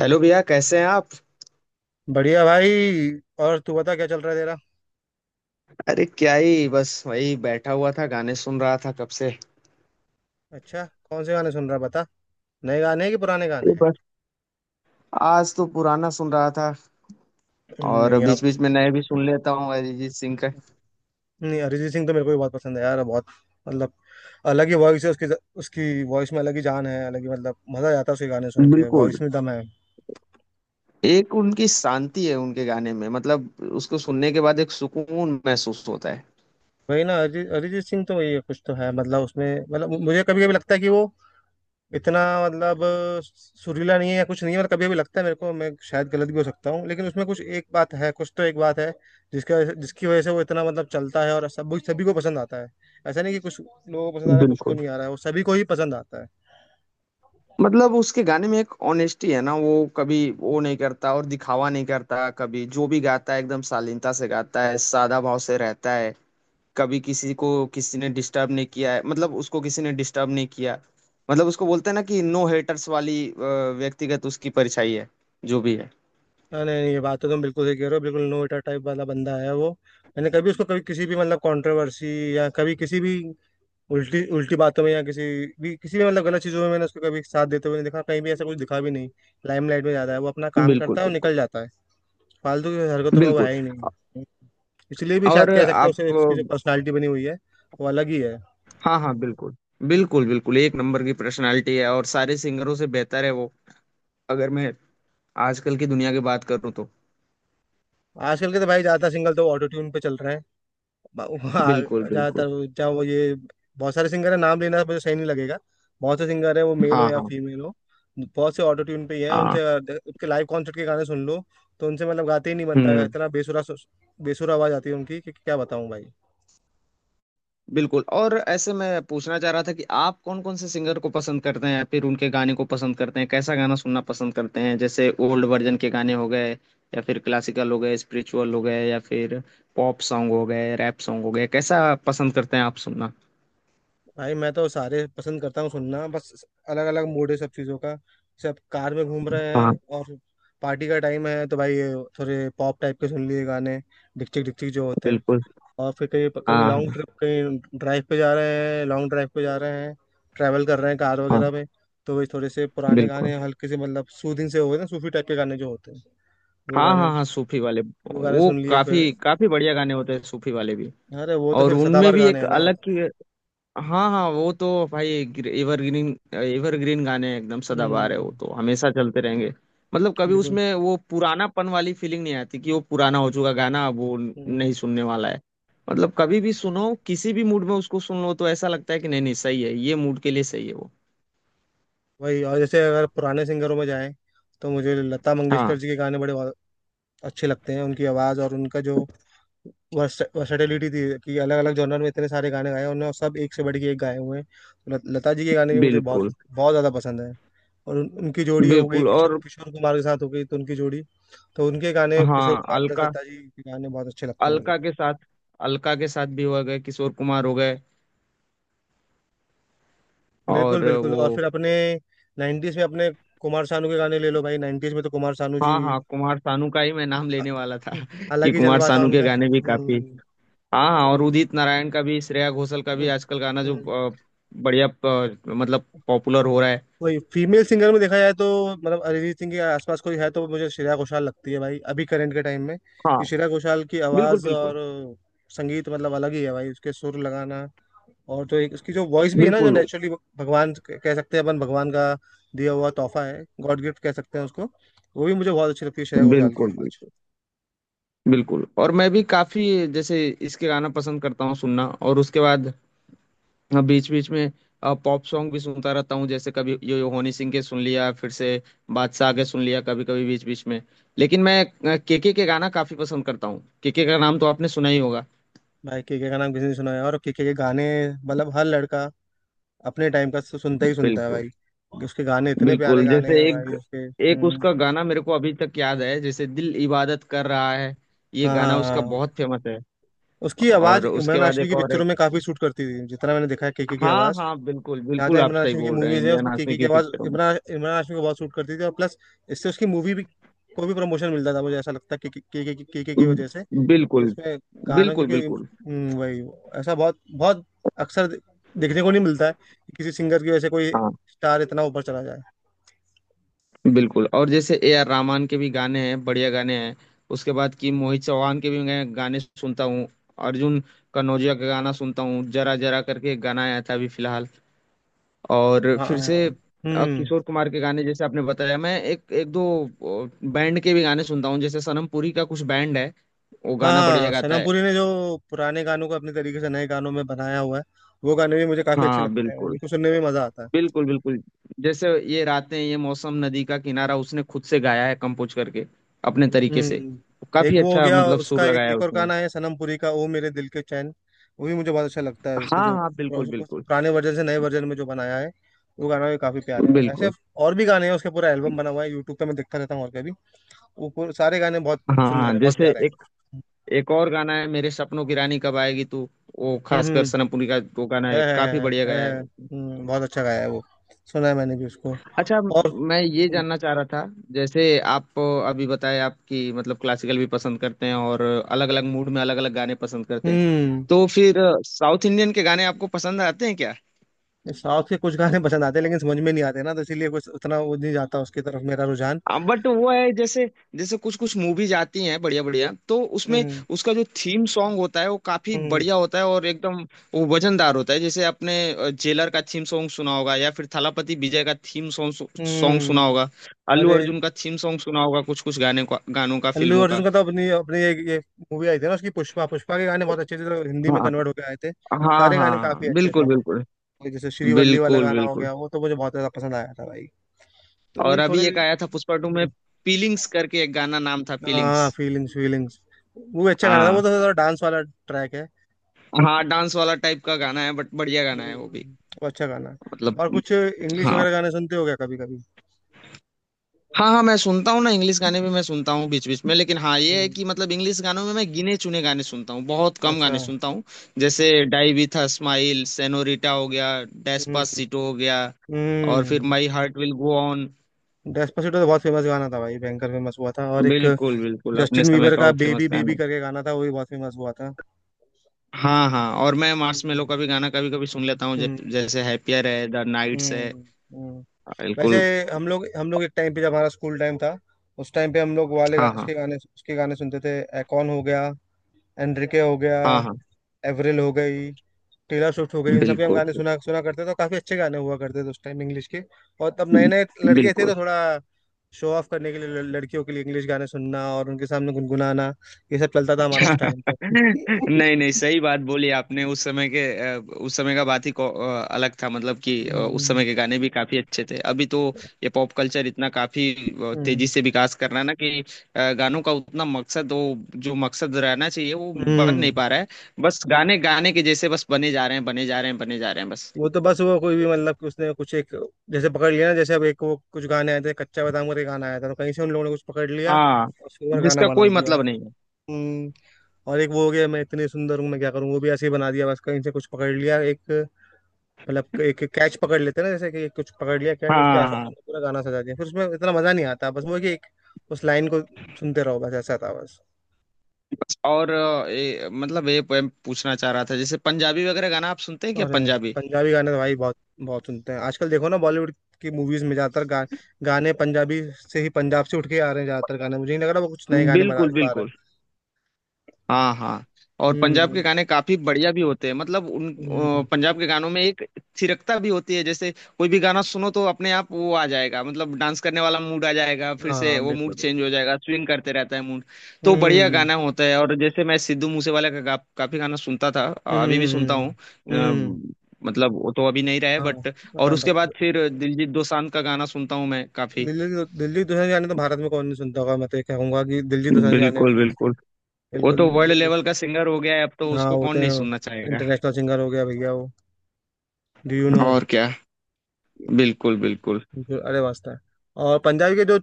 Hello भैया, कैसे हैं आप? बढ़िया भाई। और तू बता क्या चल रहा है तेरा। अरे क्या ही, बस वही बैठा हुआ था, गाने सुन रहा था कब से। अच्छा। कौन से गाने सुन रहा है बता। नए गाने हैं कि पुराने गाने ये हैं। बस आज तो पुराना सुन रहा था, और नहीं आप। बीच बीच में नए भी सुन लेता हूँ अरिजीत सिंह का। नहीं अरिजीत सिंह तो मेरे को भी बहुत पसंद है यार, बहुत। मतलब अलग ही वॉइस है उसकी। उसकी वॉइस में अलग ही जान है, अलग ही मतलब मजा आता है उसके गाने सुन के, बिल्कुल, वॉइस में दम है। एक उनकी शांति है उनके गाने में, मतलब उसको सुनने के बाद एक सुकून महसूस होता वही ना, अरिजीत अरिजीत सिंह तो वही है, कुछ तो है मतलब उसमें। मतलब मुझे कभी कभी लगता है कि वो इतना मतलब सुरीला नहीं है या कुछ नहीं है। मतलब कभी कभी लगता है मेरे को, मैं शायद गलत भी हो सकता हूँ, लेकिन उसमें कुछ एक बात है, कुछ तो एक बात है जिसका जिसकी वजह से वो इतना मतलब चलता है और सब सभी को पसंद आता है। ऐसा नहीं कि कुछ लोगों को पसंद आ है। रहा है, कुछ को बिल्कुल, नहीं आ रहा है, वो सभी को ही पसंद आता है। मतलब उसके गाने में एक ऑनेस्टी है ना। वो कभी वो नहीं करता, और दिखावा नहीं करता कभी, जो भी गाता है एकदम शालीनता से गाता है, सादा भाव से रहता है। कभी किसी को किसी ने डिस्टर्ब नहीं किया है, मतलब उसको किसी ने डिस्टर्ब नहीं किया। मतलब उसको बोलते हैं ना कि नो हेटर्स वाली व्यक्तिगत उसकी परछाई है, जो भी है। हाँ, नहीं नहीं, ये बात तो तुम बिल्कुल सही कह रहे हो। बिल्कुल नोएटा टाइप वाला बंदा है वो। मैंने कभी उसको कभी किसी भी मतलब कंट्रोवर्सी या कभी किसी भी उल्टी उल्टी बातों में या किसी भी मतलब गलत चीज़ों में मैंने उसको कभी साथ देते हुए नहीं देखा, कहीं भी ऐसा कुछ दिखा भी नहीं। लाइमलाइट में ज्यादा है, वो अपना काम बिल्कुल करता है और बिल्कुल निकल जाता है। फालतू की हरकतों में वो बिल्कुल है ही नहीं। इसलिए भी और शायद कह सकते हैं आप। उसे, उसकी जो पर्सनालिटी बनी हुई है वो अलग ही है। हाँ हाँ, बिल्कुल बिल्कुल बिल्कुल, एक नंबर की पर्सनालिटी है, और सारे सिंगरों से बेहतर है वो। अगर मैं आजकल की दुनिया की बात करूँ तो। आजकल के तो भाई ज्यादातर सिंगल तो ऑटो ट्यून पे चल रहे हैं। वहाँ बिल्कुल बिल्कुल। ज्यादातर, चाहे वो ये, बहुत सारे सिंगर है, नाम लेना मुझे सही नहीं लगेगा। बहुत से सिंगर है, वो मेल हो हाँ या हाँ फीमेल हो, बहुत से ऑटो ट्यून पे ही हैं, हाँ। उनसे उनके लाइव कॉन्सर्ट के गाने सुन लो तो उनसे मतलब गाते ही नहीं बनता है, हम्म। इतना बेसुरा, बेसुरा आवाज आती है उनकी कि क्या बताऊं भाई। बिल्कुल। और ऐसे मैं पूछना चाह रहा था कि आप कौन कौन से सिंगर को पसंद करते हैं, या फिर उनके गाने को पसंद करते हैं, कैसा गाना सुनना पसंद करते हैं? जैसे ओल्ड वर्जन के गाने हो गए, या फिर क्लासिकल हो गए, स्पिरिचुअल हो गए, या फिर पॉप सॉन्ग हो गए, रैप सॉन्ग हो गए, कैसा पसंद करते हैं आप सुनना? भाई मैं तो सारे पसंद करता हूँ सुनना, बस अलग अलग मूड है सब चीज़ों का। सब कार में घूम रहे हाँ हैं और पार्टी का टाइम है तो भाई थोड़े पॉप टाइप के सुन लिए गाने, डिक्चिक डिक्चिक जो होते हैं। बिल्कुल। और फिर कहीं कभी हाँ लॉन्ग हाँ ट्रिप कहीं ड्राइव पे जा रहे हैं, लॉन्ग ड्राइव पे जा रहे हैं, ट्रैवल कर रहे हैं कार हाँ। वगैरह में, तो वही थोड़े से पुराने बिल्कुल। गाने हल्के से मतलब सूदिंग से हो गए ना, सूफी टाइप के गाने जो होते हैं, वो हाँ गाने, हाँ हाँ, सूफी वाले। वो सुन लिए फिर। काफी काफी बढ़िया गाने होते हैं सूफी वाले भी। अरे वो तो और फिर उनमें सदाबहार भी गाने एक हैं ना वो अलग तो। की, हाँ हाँ, वो तो भाई एवरग्रीन, एवरग्रीन गाने हैं, एकदम सदाबहार है वो, हम्म। तो हमेशा चलते रहेंगे। मतलब कभी बिल्कुल। उसमें वो पुरानापन वाली फीलिंग नहीं आती कि वो पुराना हो चुका गाना, अब वो नहीं सुनने वाला है। मतलब कभी भी सुनो, किसी भी मूड में उसको सुन लो, तो ऐसा लगता है कि नहीं नहीं, सही है, ये मूड के लिए सही है वो। वही, और जैसे अगर पुराने सिंगरों में जाएं तो मुझे लता मंगेशकर हाँ जी के गाने बड़े अच्छे लगते हैं। उनकी आवाज़ और उनका जो वर्सेटिलिटी थी कि अलग अलग जॉनर में इतने सारे गाने गाए उन्होंने और सब एक से बढ़ के एक गाए हुए हैं, तो लता जी के गाने भी मुझे बहुत बिल्कुल बहुत ज़्यादा पसंद है। और उनकी जोड़ी हो गई बिल्कुल किशोर और किशोर कुमार के साथ हो गई, तो उनकी जोड़ी, तो उनके गाने, किशोर हाँ, कुमार प्लस अलका, लता जी के गाने बहुत अच्छे लगते हैं मुझे। अलका के साथ, अलका के साथ भी हो गए, किशोर कुमार हो गए। बिल्कुल और बिल्कुल। वो, और फिर अपने नाइन्टीज में, अपने कुमार सानू के गाने ले लो भाई, नाइन्टीज में तो कुमार सानू जी, हाँ हाँ, कुमार सानू का ही मैं नाम लेने वाला था कि अलग ही कुमार जलवा था सानू के उनका। गाने भी काफी। हम्म। हाँ हाँ, और वही। उदित नारायण का भी, श्रेया घोषाल का भी आजकल गाना जो हम्म, अ, बढ़िया मतलब पॉपुलर हो रहा है। वही। फीमेल सिंगर में देखा जाए तो मतलब अरिजीत सिंह के आसपास कोई है तो मुझे श्रेया घोषाल लगती है भाई, अभी करंट के टाइम में, हाँ कि श्रेया घोषाल की बिल्कुल आवाज़ बिल्कुल। और संगीत मतलब अलग ही है भाई, उसके सुर लगाना। और जो एक उसकी जो वॉइस भी है ना जो बिल्कुल नेचुरली भगवान कह सकते हैं, अपन भगवान का दिया हुआ तोहफा है, गॉड गिफ्ट कह सकते हैं उसको। वो भी मुझे बहुत अच्छी लगती है श्रेया घोषाल की बिल्कुल आवाज़। बिल्कुल बिल्कुल और मैं भी काफी जैसे इसके गाना पसंद करता हूँ सुनना, और उसके बाद हाँ, बीच बीच में पॉप सॉन्ग भी सुनता रहता हूँ। जैसे कभी यो यो हनी सिंह के सुन लिया, फिर से बादशाह के सुन लिया, कभी कभी बीच बीच में। लेकिन मैं केके के गाना काफी पसंद करता हूँ, केके का नाम तो आपने सुना ही होगा। भाई के का नाम किसी ने सुना है और के गाने, मतलब हर लड़का अपने टाइम का तो सुनता ही सुनता है बिल्कुल, भाई। उसके गाने इतने प्यारे बिल्कुल, गाने जैसे हैं एक भाई उसके। एक हम्म। उसका गाना मेरे को अभी तक याद है, जैसे दिल इबादत कर रहा है, ये हाँ हाँ गाना उसका हाँ। बहुत फेमस है। उसकी आवाज और उसके इमरान बाद हाशमी एक की और है, पिक्चरों में काफी सूट करती थी, जितना मैंने देखा है केके की हाँ आवाज। हाँ बिल्कुल जहाँ बिल्कुल, जहाँ आप इमरान सही हाशमी की बोल रहे हैं, मूवीज है इमरान उसमें हाशमी केके की की आवाज पिक्चरों इमरान इमरान हाशमी को बहुत सूट करती थी, और प्लस इससे उसकी मूवी भी, को भी प्रमोशन मिलता था, मुझे ऐसा लगता है, केके केके की में। वजह से बिल्कुल इसमें गानों बिल्कुल बिल्कुल वही। ऐसा बहुत बहुत अक्सर देखने को नहीं मिलता है कि किसी सिंगर की वजह से कोई हाँ। स्टार इतना ऊपर चला जाए। बिल्कुल, और जैसे ए आर रहमान के भी गाने हैं, बढ़िया गाने हैं। उसके बाद कि मोहित चौहान के भी मैं गाने सुनता हूँ, अर्जुन कनौजिया का गाना सुनता हूँ, जरा जरा करके एक गाना आया था अभी फिलहाल। और हाँ हाँ, फिर से हाँ। हम्म। किशोर कुमार के गाने जैसे आपने बताया। मैं एक एक दो बैंड के भी गाने सुनता हूँ, जैसे सनम पुरी का कुछ बैंड है, वो गाना बढ़िया हाँ, गाता सनम है। पुरी ने जो पुराने गानों को अपने तरीके से नए गानों में बनाया हुआ है, वो गाने भी मुझे काफी अच्छे हाँ लगते हैं, बिल्कुल उनको सुनने में मजा आता है। बिल्कुल बिल्कुल, जैसे ये रातें ये मौसम नदी का किनारा, उसने खुद से गाया है कंपोज करके, अपने तरीके से। हम्म। एक काफी वो हो अच्छा गया मतलब सुर उसका, एक लगाया है एक और उसने। गाना है सनम पुरी का, ओ मेरे दिल के चैन, वो भी मुझे बहुत अच्छा लगता है, उसने हाँ जो हाँ बिल्कुल उस बिल्कुल पुराने वर्जन से नए वर्जन में जो बनाया है, वो गाना भी काफी प्यारे हैं ऐसे, बिल्कुल और भी गाने हैं, उसका पूरा एल्बम बना हुआ है यूट्यूब पे, मैं देखता रहता हूँ, और कभी वो सारे गाने बहुत हाँ सुंदर हाँ, है, बहुत जैसे प्यारे एक हैं। एक और गाना है, मेरे सपनों की रानी कब आएगी तू, वो हम्म खासकर हम्म, सनमपुरी का वो गाना है, है, काफी बढ़िया गाया है है, वो। बहुत अच्छा गाया है वो, सुना है मैंने भी उसको। अच्छा, और मैं ये जानना चाह रहा था, जैसे आप अभी बताए आपकी मतलब क्लासिकल भी पसंद करते हैं और अलग अलग मूड में अलग अलग गाने पसंद करते हैं, हम्म। तो फिर साउथ इंडियन के गाने आपको पसंद आते हैं क्या? साउथ के कुछ गाने पसंद आते हैं, लेकिन समझ में नहीं आते ना, तो इसीलिए कुछ उतना वो नहीं जाता उसकी तरफ मेरा रुझान। बट वो है जैसे, जैसे कुछ कुछ मूवीज आती हैं बढ़िया बढ़िया, तो उसमें हम्म। उसका जो थीम सॉन्ग होता है वो काफी हम्म। बढ़िया होता है, और एकदम वो वजनदार होता है। जैसे आपने जेलर का थीम सॉन्ग सुना होगा, या फिर थलापति विजय का थीम सॉन्ग, हम्म। सुना होगा। अल्लू अरे, अर्जुन का थीम सॉन्ग सुना होगा, कुछ कुछ गाने का, गानों का, अल्लू फिल्मों का। अर्जुन का तो अपनी अपनी एक ये मूवी आई थी ना उसकी, पुष्पा, पुष्पा के गाने बहुत अच्छे थे, तो हिंदी में कन्वर्ट हाँ होकर आए थे, हाँ सारे गाने हाँ, काफी अच्छे थे। बिल्कुल बिल्कुल। ये जैसे श्रीवल्ली वाला बिल्कुल गाना हो बिल्कुल गया, वो तो मुझे बहुत ज्यादा पसंद आया था भाई, तो और वही थोड़े। अभी एक आया था पुष्पा टू में, हम्म, पीलिंग्स करके एक गाना, नाम था पीलिंग्स। हाँ फीलिंग्स, फीलिंग्स, वो भी अच्छा गाना था, वो हाँ तो थोड़ा डांस वाला ट्रैक है। हाँ, डांस वाला टाइप का गाना है बट बढ़िया गाना है वो भी। हम्म, वो अच्छा गाना है। मतलब, और कुछ इंग्लिश हाँ वगैरह गाने सुनते हो क्या कभी कभी? हाँ हाँ, मैं सुनता हूँ ना इंग्लिश गाने भी, मैं सुनता हूँ बीच बीच में। लेकिन हाँ ये है हम्म, कि मतलब इंग्लिश गानों में मैं गिने चुने गाने सुनता हूँ, बहुत कम अच्छा। गाने सुनता हूँ। जैसे die with a smile, Senorita हो गया, हम्म। डेस्पासितो हो गया, और फिर हम्म। My heart will go on. Despacito तो बहुत फेमस गाना था भाई, भयंकर फेमस हुआ था, और एक बिल्कुल बिल्कुल, अपने जस्टिन समय बीबर का का वो फेमस बेबी बेबी गाना। करके गाना था, वो भी बहुत फेमस हुआ था। हाँ हाँ, और मैं मार्शमेलो हम्म का भी गाना कभी कभी सुन लेता हूँ, हम्म जैसे हैप्पियर है, द नाइट्स है। हम्म, हम्म। वैसे बिल्कुल। हम लोग एक टाइम पे, जब हमारा स्कूल टाइम था, उस टाइम पे हम लोग वाले हाँ हाँ उसके गाने, सुनते थे, एकॉन हो गया, एनरिके हो गया, हाँ हाँ एवरिल हो गई, टेलर स्विफ्ट हो गई, इन सबके हम बिल्कुल गाने सुना सुना करते थे, और काफी अच्छे गाने हुआ करते थे उस टाइम इंग्लिश के। और तब नए नए लड़के थे बिल्कुल। तो थोड़ा शो ऑफ करने के लिए, लड़कियों के लिए इंग्लिश गाने सुनना और उनके सामने गुनगुनाना, ये सब चलता था हमारा उस टाइम पे नहीं नहीं, सही बात बोली आपने। उस समय के उस समय का बात ही अलग था, मतलब कि उस हम्म समय के गाने भी काफी अच्छे थे। अभी तो ये पॉप कल्चर इतना काफी हम्म तेजी से विकास कर रहा है ना, कि गानों का उतना मकसद, वो जो मकसद रहना चाहिए वो बन नहीं हम्म। पा रहा है। बस गाने, गाने के जैसे बस बने जा रहे हैं, बने जा रहे हैं, बने जा रहे हैं बस। वो तो बस, वो कोई भी मतलब कि उसने कुछ एक जैसे पकड़ लिया ना, जैसे अब, एक वो कुछ गाने आए थे, कच्चा बादाम करके गाना आया था, तो कहीं से उन लोगों ने कुछ पकड़ लिया हाँ, और उसके ऊपर गाना जिसका बना कोई दिया। मतलब नहीं है। हम्म। और एक वो हो गया, मैं इतनी सुंदर हूँ मैं क्या करूँ, वो भी ऐसे ही बना दिया, बस कहीं से कुछ पकड़ लिया एक, मतलब एक कैच पकड़ लेते हैं ना, जैसे कि एक कुछ पकड़ लिया कैच, उसके हाँ आसपास हाँ, हमने पूरा गाना सजा दिया, फिर उसमें इतना मजा नहीं आता, बस वो है कि एक उस लाइन को सुनते रहो, बस ऐसा था बस। बस। और मतलब ये मैं पूछना चाह रहा था, जैसे पंजाबी वगैरह गाना आप सुनते हैं क्या, और पंजाबी? पंजाबी गाने तो भाई बहुत बहुत सुनते हैं, आजकल देखो ना बॉलीवुड की मूवीज में ज्यादातर गाने पंजाबी से ही, पंजाब से उठ के आ रहे हैं ज्यादातर गाने, मुझे नहीं लग रहा वो कुछ नए गाने बना बिल्कुल भी पा रहे बिल्कुल। हैं। हाँ हाँ। और पंजाब के हम्म गाने काफी बढ़िया भी होते हैं, मतलब उन हम्म। पंजाब के गानों में एक थिरकता भी होती है। जैसे कोई भी गाना सुनो तो अपने आप वो आ जाएगा, मतलब डांस करने वाला मूड आ जाएगा, फिर से हाँ वो मूड बिल्कुल। चेंज हो जाएगा, स्विंग करते रहता है मूड। तो बढ़िया हम्म गाना होता है। और जैसे मैं सिद्धू मूसेवाला का काफी गाना सुनता था, अभी भी सुनता हम्म हूँ, हम्म। मतलब वो तो अभी नहीं रहे हाँ बट। और हाँ, उसके बाद बस। फिर दिलजीत दोसांझ का गाना सुनता हूँ मैं काफी। दिल्ली दिल्ली दूसरे गाने तो भारत में कौन नहीं सुनता होगा, मैं तो ये कहूंगा कि दिल्ली दूसरे गाने बिल्कुल बिल्कुल, वो तो बिल्कुल वर्ल्ड बिल्कुल। लेवल का सिंगर हो गया है अब, तो हाँ, उसको कौन होते नहीं हैं, सुनना चाहेगा? इंटरनेशनल सिंगर हो गया भैया वो। डू यू नो, और क्या। बिल्कुल बिल्कुल जो, अरे वास्ता है। और पंजाबी के जो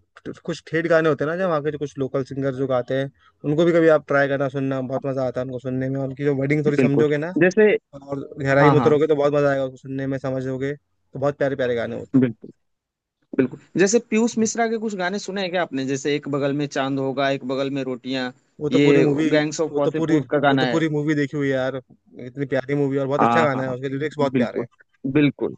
कुछ ठेठ गाने होते हैं ना, जो वहाँ के जो कुछ लोकल सिंगर जो गाते हैं, उनको भी कभी आप ट्राई करना सुनना, बहुत मजा आता है उनको सुनने में, और उनकी जो वर्डिंग थोड़ी बिल्कुल समझोगे ना जैसे और गहराई हाँ में हाँ उतरोगे तो बहुत मजा आएगा उसको सुनने में, समझोगे तो बहुत प्यारे प्यारे गाने होते हैं। बिल्कुल बिल्कुल, जैसे पीयूष मिश्रा के कुछ गाने सुने हैं क्या आपने? जैसे एक बगल में चांद होगा, एक बगल में रोटियां, वो तो पूरी ये मूवी, गैंग्स ऑफ वासेपुर का वो गाना तो है। पूरी मूवी देखी हुई है यार, इतनी प्यारी मूवी, और बहुत अच्छा हाँ गाना है, हाँ उसके लिरिक्स बहुत प्यारे बिल्कुल हैं। बिल्कुल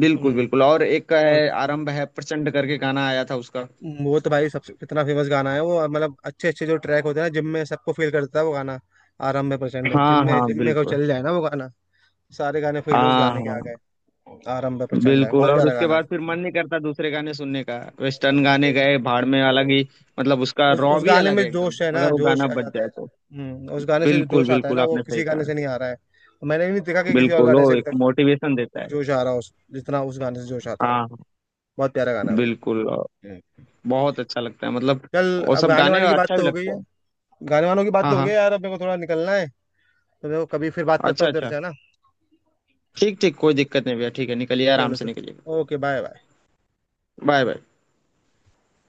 बिल्कुल हम्म। बिल्कुल और एक का और है, आरंभ है प्रचंड करके गाना आया था उसका। वो तो भाई सबसे कितना फेमस गाना है वो, मतलब अच्छे अच्छे जो ट्रैक होते हैं ना जिम में, सबको फील करता है वो गाना, आरंभ प्रचंड है, जिम हाँ में हाँ जिम में को बिल्कुल। चल जाए ना वो गाना, सारे गाने फील उस हाँ गाने के हाँ। आ गए, आरंभ प्रचंड है, बिल्कुल, बहुत और प्यारा उसके गाना बाद फिर है। मन नहीं करता दूसरे गाने सुनने का, वेस्टर्न अरे, गाने गए भाड़ में, अरे, अलग ही, मतलब उसका उस रॉ उस भी गाने अलग में है एकदम, जोश है ना, अगर वो जोश गाना आ बज जाता है, जाए तो। हम्म, उस गाने से जो बिल्कुल जोश आता है बिल्कुल, ना वो आपने सही किसी गाने कहा। से नहीं आ रहा है, मैंने भी नहीं देखा कि किसी और बिल्कुल, वो गाने से अभी एक तक मोटिवेशन देता कोई है। जोश आ रहा हो, जितना उस गाने से जोश आता है, हाँ बहुत प्यारा गाना है भाई। बिल्कुल। हम्म। बहुत अच्छा लगता है मतलब, चल, वो अब सब गाने गाने वाने की बात अच्छा तो भी हो गई लगता है, है। गाने वानों की बात हाँ तो हो गई है हाँ, यार, अब मेरे को थोड़ा निकलना है, तो देखो कभी फिर बात करता अच्छा हूँ तेरे अच्छा, से, है ना? ठीक ठीक, कोई दिक्कत नहीं भैया, ठीक है, निकलिए, आराम चलो से तो, निकलिए। Okay, bye bye. Bye bye.